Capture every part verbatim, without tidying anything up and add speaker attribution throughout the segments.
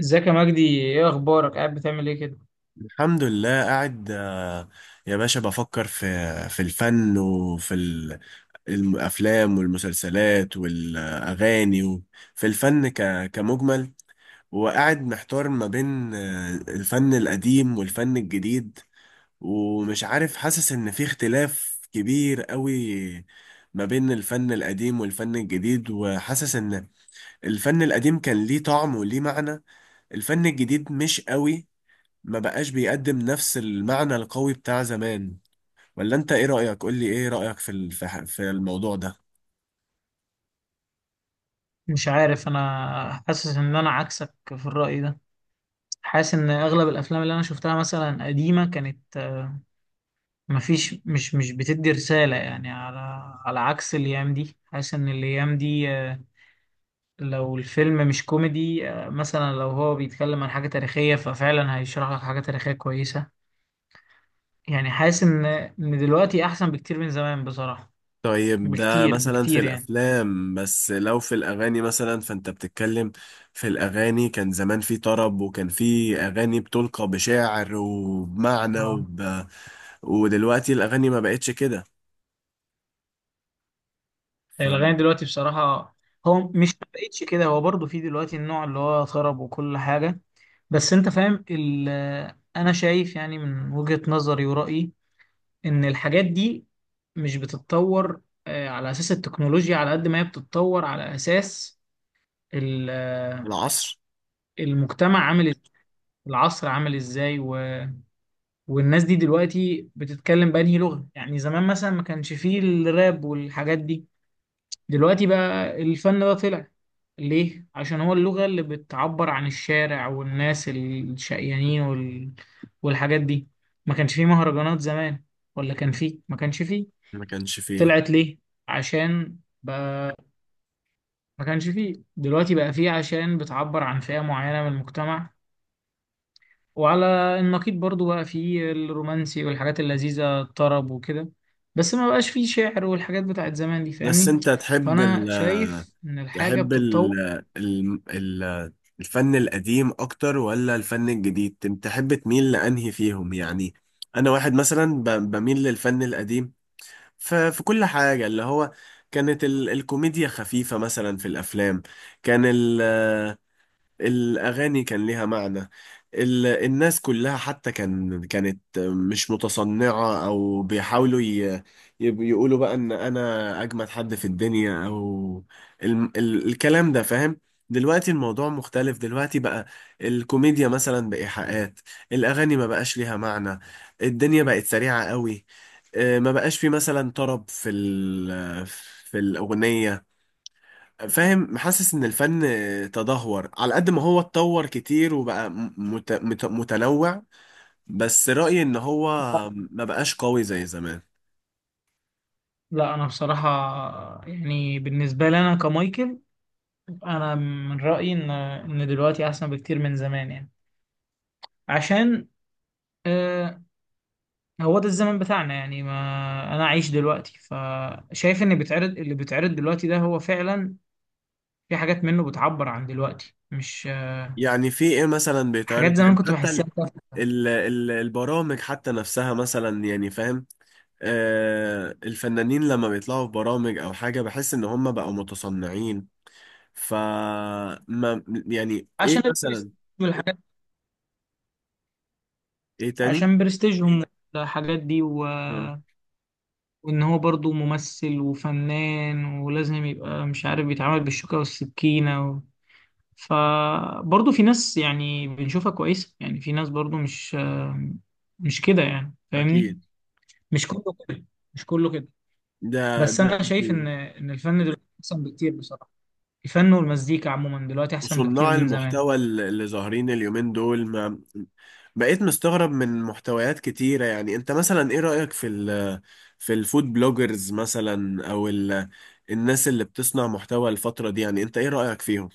Speaker 1: ازيك يا مجدي؟ ايه اخبارك؟ قاعد بتعمل ايه كده؟
Speaker 2: الحمد لله قاعد آه، يا باشا بفكر في في الفن وفي ال- الافلام والمسلسلات والاغاني وفي الفن ك- كمجمل. وقاعد محتار ما بين آه، الفن القديم والفن الجديد، ومش عارف، حاسس ان في اختلاف كبير قوي ما بين الفن القديم والفن الجديد، وحاسس ان الفن القديم كان ليه طعم وليه معنى، الفن الجديد مش قوي، ما بقاش بيقدم نفس المعنى القوي بتاع زمان. ولا انت ايه رأيك؟ قول لي ايه رأيك في ال- في ح- في الموضوع ده.
Speaker 1: مش عارف، انا حاسس ان انا عكسك في الرأي ده. حاسس ان اغلب الافلام اللي انا شفتها مثلا قديمة كانت آه، مفيش، مش مش بتدي رسالة، يعني على على عكس الايام دي. حاسس ان الايام دي آه، لو الفيلم مش كوميدي، آه، مثلا لو هو بيتكلم عن حاجة تاريخية ففعلا هيشرح لك حاجة تاريخية كويسة. يعني حاسس ان ان دلوقتي احسن بكتير من زمان بصراحة.
Speaker 2: طيب ده
Speaker 1: بكتير
Speaker 2: مثلا في
Speaker 1: بكتير يعني.
Speaker 2: الافلام، بس لو في الاغاني مثلا، فانت بتتكلم في الاغاني، كان زمان في طرب وكان في اغاني بتلقى بشعر وبمعنى
Speaker 1: آه.
Speaker 2: وب... ودلوقتي الاغاني ما بقتش كده.
Speaker 1: الأغاني دلوقتي بصراحة، هو مش ما بقتش كده، هو برضو في دلوقتي النوع اللي هو طرب وكل حاجة. بس أنت فاهم ال أنا شايف يعني من وجهة نظري ورأيي إن الحاجات دي مش بتتطور آه، على أساس التكنولوجيا، على قد ما هي بتتطور، على أساس ال- آه،
Speaker 2: فالعصر
Speaker 1: المجتمع عامل إز- العصر عامل إزاي و... والناس دي دلوقتي بتتكلم بأنهي لغة. يعني زمان مثلا ما كانش فيه الراب والحاجات دي. دلوقتي بقى الفن ده طلع ليه؟ عشان هو اللغة اللي بتعبر عن الشارع والناس الشقيانين وال... والحاجات دي. ما كانش فيه مهرجانات زمان، ولا كان فيه؟ ما كانش فيه.
Speaker 2: ما كانش فيه.
Speaker 1: طلعت ليه؟ عشان بقى، ما كانش فيه، دلوقتي بقى فيه عشان بتعبر عن فئة معينة من المجتمع. وعلى النقيض برضو بقى فيه الرومانسي والحاجات اللذيذة الطرب وكده. بس ما بقاش فيه شعر والحاجات بتاعت زمان دي،
Speaker 2: بس
Speaker 1: فاهمني؟
Speaker 2: انت تحب
Speaker 1: فأنا
Speaker 2: ال...
Speaker 1: شايف إن الحاجة
Speaker 2: تحب
Speaker 1: بتتطور.
Speaker 2: ال ال ال الفن القديم اكتر ولا الفن الجديد؟ تم- تحب تميل لانهي فيهم يعني؟ انا واحد مثلا ب- بميل للفن القديم ف- في كل حاجة. اللي هو كانت ال الكوميديا خفيفة مثلا في الافلام، كان ال الأغاني كان ليها معنى، ال... الناس كلها حتى كان كانت مش متصنعة أو بيحاولوا ي... يب- يقولوا بقى إن أنا أجمد حد في الدنيا، أو ال... ال... الكلام ده، فاهم؟ دلوقتي الموضوع مختلف، دلوقتي بقى الكوميديا مثلا بإيحاءات، الأغاني ما بقاش ليها معنى، الدنيا بقت سريعة قوي، آه، ما بقاش في مثلا طرب في ال... في الأغنية، فاهم؟ محسس ان الفن تدهور على قد ما هو اتطور كتير، وبقى م- مت... مت... متنوع، بس رأيي ان هو ما بقاش قوي زي زمان.
Speaker 1: لا، انا بصراحه، يعني بالنسبه لي انا كمايكل، انا من رايي ان ان دلوقتي احسن بكتير من زمان يعني. عشان آه هو ده الزمن بتاعنا يعني. ما انا عايش دلوقتي، فشايف ان بيتعرض اللي بيتعرض دلوقتي ده هو فعلا، في حاجات منه بتعبر عن دلوقتي، مش آه،
Speaker 2: يعني في ايه مثلا بيتعرض؟
Speaker 1: حاجات زمان
Speaker 2: يعني
Speaker 1: كنت
Speaker 2: حتى
Speaker 1: بحسها
Speaker 2: ال...
Speaker 1: تافهة.
Speaker 2: ال... ال- البرامج حتى نفسها مثلا، يعني فاهم؟ آه الفنانين لما بيطلعوا في برامج او حاجة، بحس ان هم بقوا متصنعين. ف ما يعني ايه
Speaker 1: عشان البرستيج
Speaker 2: مثلا؟
Speaker 1: والحاجات،
Speaker 2: ايه تاني؟
Speaker 1: عشان برستيجهم الحاجات دي و...
Speaker 2: مم.
Speaker 1: وان هو برضو ممثل وفنان ولازم يبقى مش عارف بيتعامل بالشوكة والسكينة. فبرضه في ناس يعني بنشوفها كويسة، يعني في ناس برضه مش مش كده يعني فاهمني.
Speaker 2: اكيد.
Speaker 1: مش كله كده، مش كله كده.
Speaker 2: ده
Speaker 1: بس
Speaker 2: ده
Speaker 1: أنا شايف إن
Speaker 2: أكيد.
Speaker 1: إن الفن دلوقتي أحسن بكتير بصراحة. الفن والمزيكا عموما دلوقتي أحسن بكتير
Speaker 2: وصناع
Speaker 1: من زمان.
Speaker 2: المحتوى ال- اللي ظاهرين اليومين دول، ما بقيت مستغرب من محتويات كتيرة. يعني انت مثلا ايه رأيك في ال في الفود بلوجرز مثلا، او ال الناس اللي بتصنع محتوى الفترة دي، يعني انت ايه رأيك فيهم؟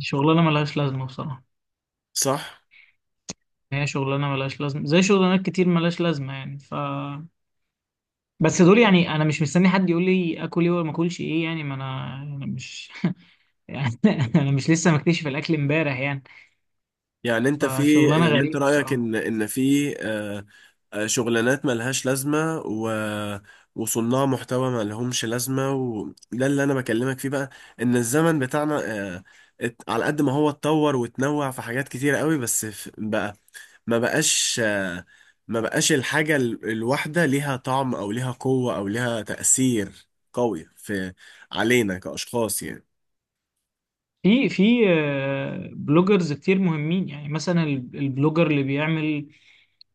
Speaker 1: شغلانة ملهاش لازمة بصراحة.
Speaker 2: صح.
Speaker 1: هي شغلانة ملهاش لازمة، زي شغلانات كتير ملهاش لازمة يعني، ف بس دول يعني أنا مش مستني حد يقول لي آكل إيه ولا ما آكلش إيه يعني. ما أنا أنا مش يعني، أنا مش لسه مكتشف الأكل إمبارح يعني.
Speaker 2: يعني انت في
Speaker 1: فشغلانة
Speaker 2: يعني انت
Speaker 1: غريبة
Speaker 2: رأيك
Speaker 1: بصراحة.
Speaker 2: ان ان في آه، آه، شغلانات ملهاش لازمة، و وصناع محتوى ما لهمش لازمة. وده اللي انا بكلمك فيه بقى، ان الزمن بتاعنا، آه، ات- على قد ما هو اتطور وتنوع في حاجات كتيرة قوي، بس ف- بقى ما بقاش، آه، ما بقاش الحاجة ال- الواحدة ليها طعم او ليها قوة او ليها تأثير قوي في علينا كأشخاص يعني.
Speaker 1: في في آه، بلوجرز كتير مهمين، يعني مثلا ال- البلوجر اللي بيعمل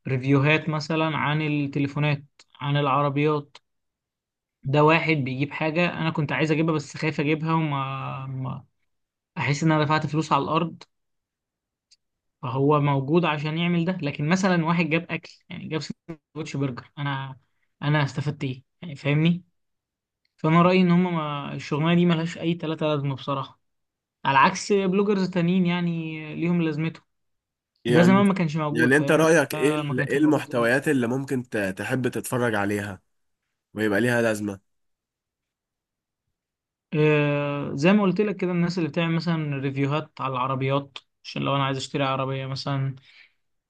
Speaker 1: ريفيوهات مثلا عن التليفونات، عن العربيات. ده واحد بيجيب حاجة أنا كنت عايز أجيبها بس خايف أجيبها، وما ما أحس إن أنا دفعت فلوس على الأرض. فهو موجود عشان يعمل ده. لكن مثلا واحد جاب أكل، يعني جاب سندوتش برجر، أنا أنا استفدت إيه يعني فاهمني؟ فأنا رأيي إن هما، ما الشغلانة دي ملهاش أي تلاتة لازمة بصراحة. على عكس بلوجرز تانيين يعني، ليهم لازمتهم. ده
Speaker 2: يعني
Speaker 1: زمان ما كانش موجود،
Speaker 2: يعني انت
Speaker 1: فاهم
Speaker 2: رأيك ايه
Speaker 1: ده؟ ما
Speaker 2: ال-
Speaker 1: كانش
Speaker 2: ايه
Speaker 1: موجود زمان.
Speaker 2: المحتويات اللي ممكن ت- تحب تتفرج عليها ويبقى ليها لازمة؟
Speaker 1: آه، زي ما قلت لك كده، الناس اللي بتعمل مثلا ريفيوهات على العربيات، عشان لو انا عايز اشتري عربية مثلا،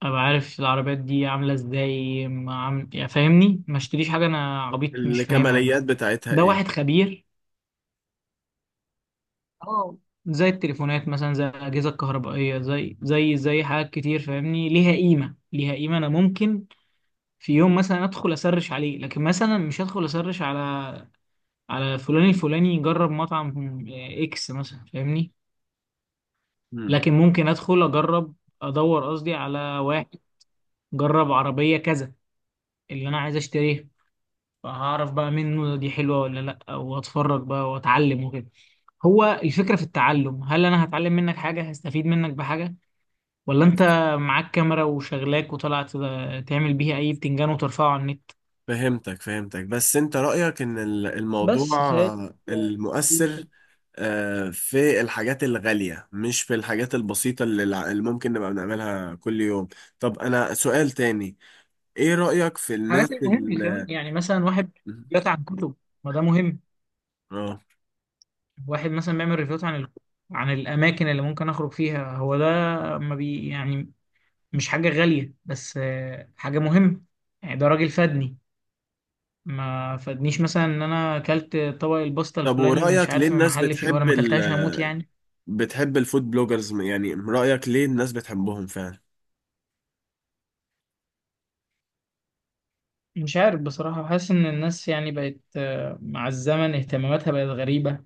Speaker 1: ابقى عارف العربيات دي عاملة ازاي. ما عم... يعني فاهمني، ما اشتريش حاجة انا عبيط مش فاهمها كده.
Speaker 2: الكماليات بتاعتها
Speaker 1: ده
Speaker 2: ايه؟
Speaker 1: واحد خبير. اه، زي التليفونات مثلا، زي الأجهزة الكهربائية، زي زي زي حاجات كتير فاهمني، ليها قيمة، ليها قيمة. أنا ممكن في يوم مثلا أدخل أسرش عليه، لكن مثلا مش هدخل أسرش على على فلان الفلاني يجرب مطعم آه، اكس مثلا فاهمني.
Speaker 2: مم.
Speaker 1: لكن ممكن ادخل اجرب، ادور قصدي على واحد جرب عربية كذا اللي انا عايز اشتريها، فهعرف بقى منه دي حلوة ولا لا، واتفرج بقى واتعلم وكده. هو الفكرة في التعلم، هل انا هتعلم منك حاجة، هستفيد منك بحاجة، ولا انت معاك كاميرا وشغلاك وطلعت تعمل بيها اي بتنجان وترفعه على النت.
Speaker 2: فهمتك، فهمتك. بس انت رأيك ان ال- الموضوع
Speaker 1: بس فهي دي
Speaker 2: المؤثر
Speaker 1: الفكرة.
Speaker 2: آه، في الحاجات الغالية، مش في الحاجات البسيطة اللي الع- اللي ممكن نبقى بنعملها كل يوم. طب انا سؤال تاني: ايه رأيك في الناس
Speaker 1: الحاجات المهمة كمان
Speaker 2: ال
Speaker 1: يعني، مثلا واحد بيقرا عن كتب، ما ده مهم.
Speaker 2: اه
Speaker 1: واحد مثلا بيعمل ريفيوات عن ال... عن الاماكن اللي ممكن اخرج فيها، هو ده، ما بي يعني، مش حاجه غاليه بس آه، حاجه مهمه. يعني ده راجل فادني. ما فادنيش مثلا ان انا اكلت طبق الباستا
Speaker 2: طب
Speaker 1: الفلاني مش
Speaker 2: ورأيك ليه
Speaker 1: عارف من
Speaker 2: الناس
Speaker 1: محل فيه وانا
Speaker 2: بتحب
Speaker 1: ما
Speaker 2: ال
Speaker 1: اكلتهاش هموت يعني.
Speaker 2: بتحب الفود بلوجرز؟ يعني رأيك ليه الناس بتحبهم فعلا؟
Speaker 1: مش عارف بصراحه، حاسس ان الناس يعني بقت آه، مع الزمن اهتماماتها بقت غريبه.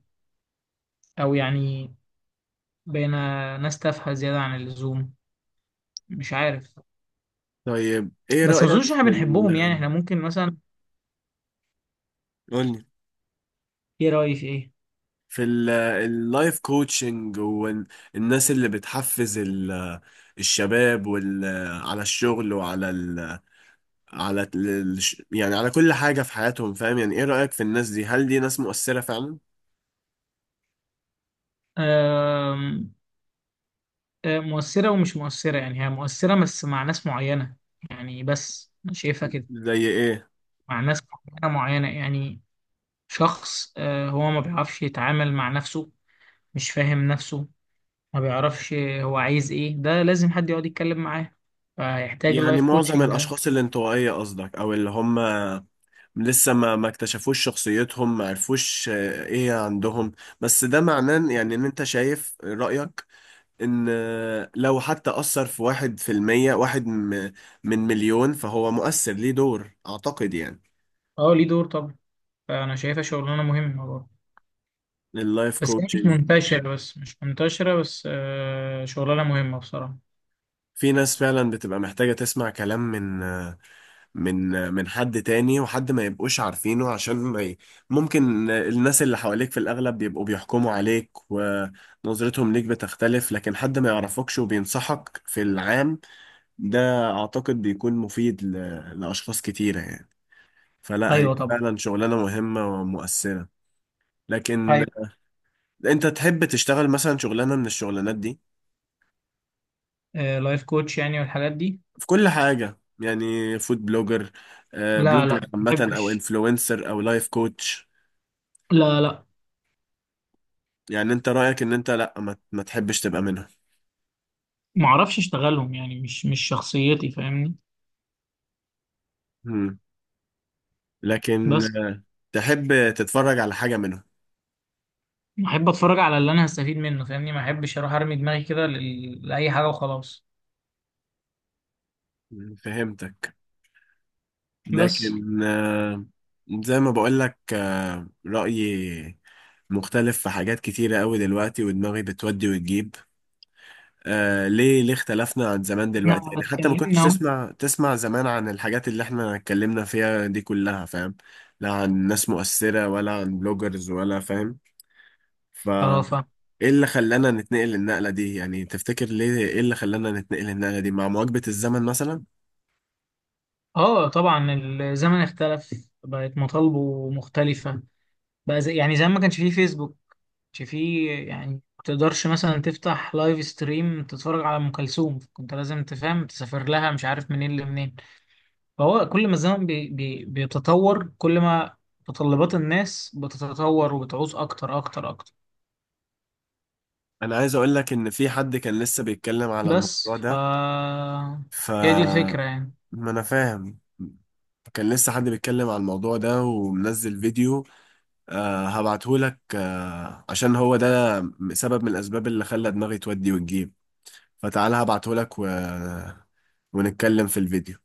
Speaker 1: او يعني بقينا ناس تافهه زياده عن اللزوم، مش عارف.
Speaker 2: طيب ايه
Speaker 1: بس ما
Speaker 2: رأيك
Speaker 1: اظنش احنا
Speaker 2: في
Speaker 1: بنحبهم يعني.
Speaker 2: ال
Speaker 1: احنا ممكن مثلا،
Speaker 2: قولي
Speaker 1: ايه رايك؟
Speaker 2: في ال- اللايف كوتشنج والناس اللي بتحفز ال- الشباب وال على الشغل وعلى ال على ال يعني على كل حاجة في حياتهم، فاهم؟ يعني ايه رأيك في الناس دي، هل دي ناس مؤثرة فعلا؟
Speaker 1: ايه، آه، مؤثرة ومش مؤثرة يعني. هي مؤثرة بس مع ناس معينة يعني، بس أنا شايفها كده.
Speaker 2: زي ايه؟
Speaker 1: مع ناس معينة معينة يعني، شخص آه، هو ما بيعرفش يتعامل مع نفسه، مش فاهم نفسه، ما بيعرفش هو عايز إيه، ده لازم حد يقعد يتكلم معاه، فيحتاج
Speaker 2: يعني
Speaker 1: اللايف
Speaker 2: معظم
Speaker 1: كوتشنج ده.
Speaker 2: الأشخاص الانطوائية قصدك، أو اللي هم لسه ما ما اكتشفوش شخصيتهم، ما عرفوش آه، ايه عندهم. بس ده معناه يعني ان انت شايف رأيك ان آه، لو حتى أثر في واحد في المية، واحد م- من مليون، فهو مؤثر، ليه دور أعتقد يعني.
Speaker 1: أه، ليه دور طبعا. فأنا شايفها شغلانة مهمة برضه.
Speaker 2: اللايف
Speaker 1: بس هي مش
Speaker 2: كوتشنج،
Speaker 1: منتشرة، بس مش منتشرة، بس آه، شغلانة مهمة بصراحة.
Speaker 2: في ناس فعلا بتبقى محتاجة تسمع كلام من آه، من من حد تاني، وحد ما يبقوش عارفينه عشان ما ي... ممكن الناس اللي حواليك في الأغلب بيبقوا بيحكموا عليك، ونظرتهم ليك بتختلف، لكن حد ما يعرفكش وبينصحك في العام، ده أعتقد بيكون مفيد ل... لأشخاص كتيرة يعني. فلا، هي
Speaker 1: أيوه طبعا.
Speaker 2: فعلا شغلانة مهمة ومؤثرة. لكن
Speaker 1: أيوه.
Speaker 2: أنت تحب تشتغل مثلا شغلانة من الشغلانات دي،
Speaker 1: لايف كوتش يعني والحاجات دي.
Speaker 2: في كل حاجة يعني، فود بلوجر، آه،
Speaker 1: لا لا،
Speaker 2: بلوجر
Speaker 1: ما
Speaker 2: عامة، أو
Speaker 1: بحبش.
Speaker 2: انفلونسر، أو لايف كوتش؟
Speaker 1: لا لا.
Speaker 2: يعني انت رأيك ان انت لا، ما, ما تحبش تبقى منهم؟
Speaker 1: ما اعرفش اشتغلهم يعني، مش مش شخصيتي فاهمني.
Speaker 2: مم. لكن
Speaker 1: بس
Speaker 2: تحب تتفرج على حاجة منهم؟
Speaker 1: احب اتفرج على اللي انا هستفيد منه فاهمني. ما احبش اروح ارمي دماغي كده لل- لاي حاجه وخلاص.
Speaker 2: مم، فهمتك.
Speaker 1: بس
Speaker 2: لكن آه، زي ما بقول لك، آه، رأيي مختلف في حاجات كتيرة قوي دلوقتي، ودماغي بتودي وتجيب. آه، ليه ليه اختلفنا عن زمان دلوقتي؟
Speaker 1: احنا
Speaker 2: يعني حتى ما كنتش
Speaker 1: اتكلمنا اهو.
Speaker 2: تسمع تسمع زمان عن الحاجات اللي احنا اتكلمنا فيها دي كلها، فاهم؟ لا عن ناس مؤثرة، ولا عن بلوجرز، ولا، فاهم؟ ف
Speaker 1: اه ف
Speaker 2: ايه اللي خلانا نتنقل النقلة دي يعني؟ تفتكر ليه ايه اللي خلانا نتنقل النقلة دي مع مواكبة الزمن مثلا؟
Speaker 1: اه طبعا. الزمن اختلف، بقت مطالبه مختلفه، بقى زي... يعني زي ما كانش فيه فيسبوك، ما كانش فيه يعني. ما تقدرش مثلا تفتح لايف ستريم تتفرج على ام كلثوم، كنت لازم تفهم تسافر لها مش عارف منين لمنين. فهو كل ما الزمن بي بي بيتطور، كل ما متطلبات الناس بتتطور وبتعوز أكتر أكتر أكتر.
Speaker 2: انا عايز اقول لك ان في حد كان لسه بيتكلم على
Speaker 1: بس
Speaker 2: الموضوع
Speaker 1: ف
Speaker 2: ده. ف
Speaker 1: هي دي الفكرة يعني
Speaker 2: ما انا فاهم. كان لسه حد بيتكلم على الموضوع ده ومنزل فيديو. أه هبعته لك، أه، عشان هو ده سبب من الاسباب اللي خلى دماغي تودي وتجيب. فتعالى هبعته لك و... ونتكلم في الفيديو.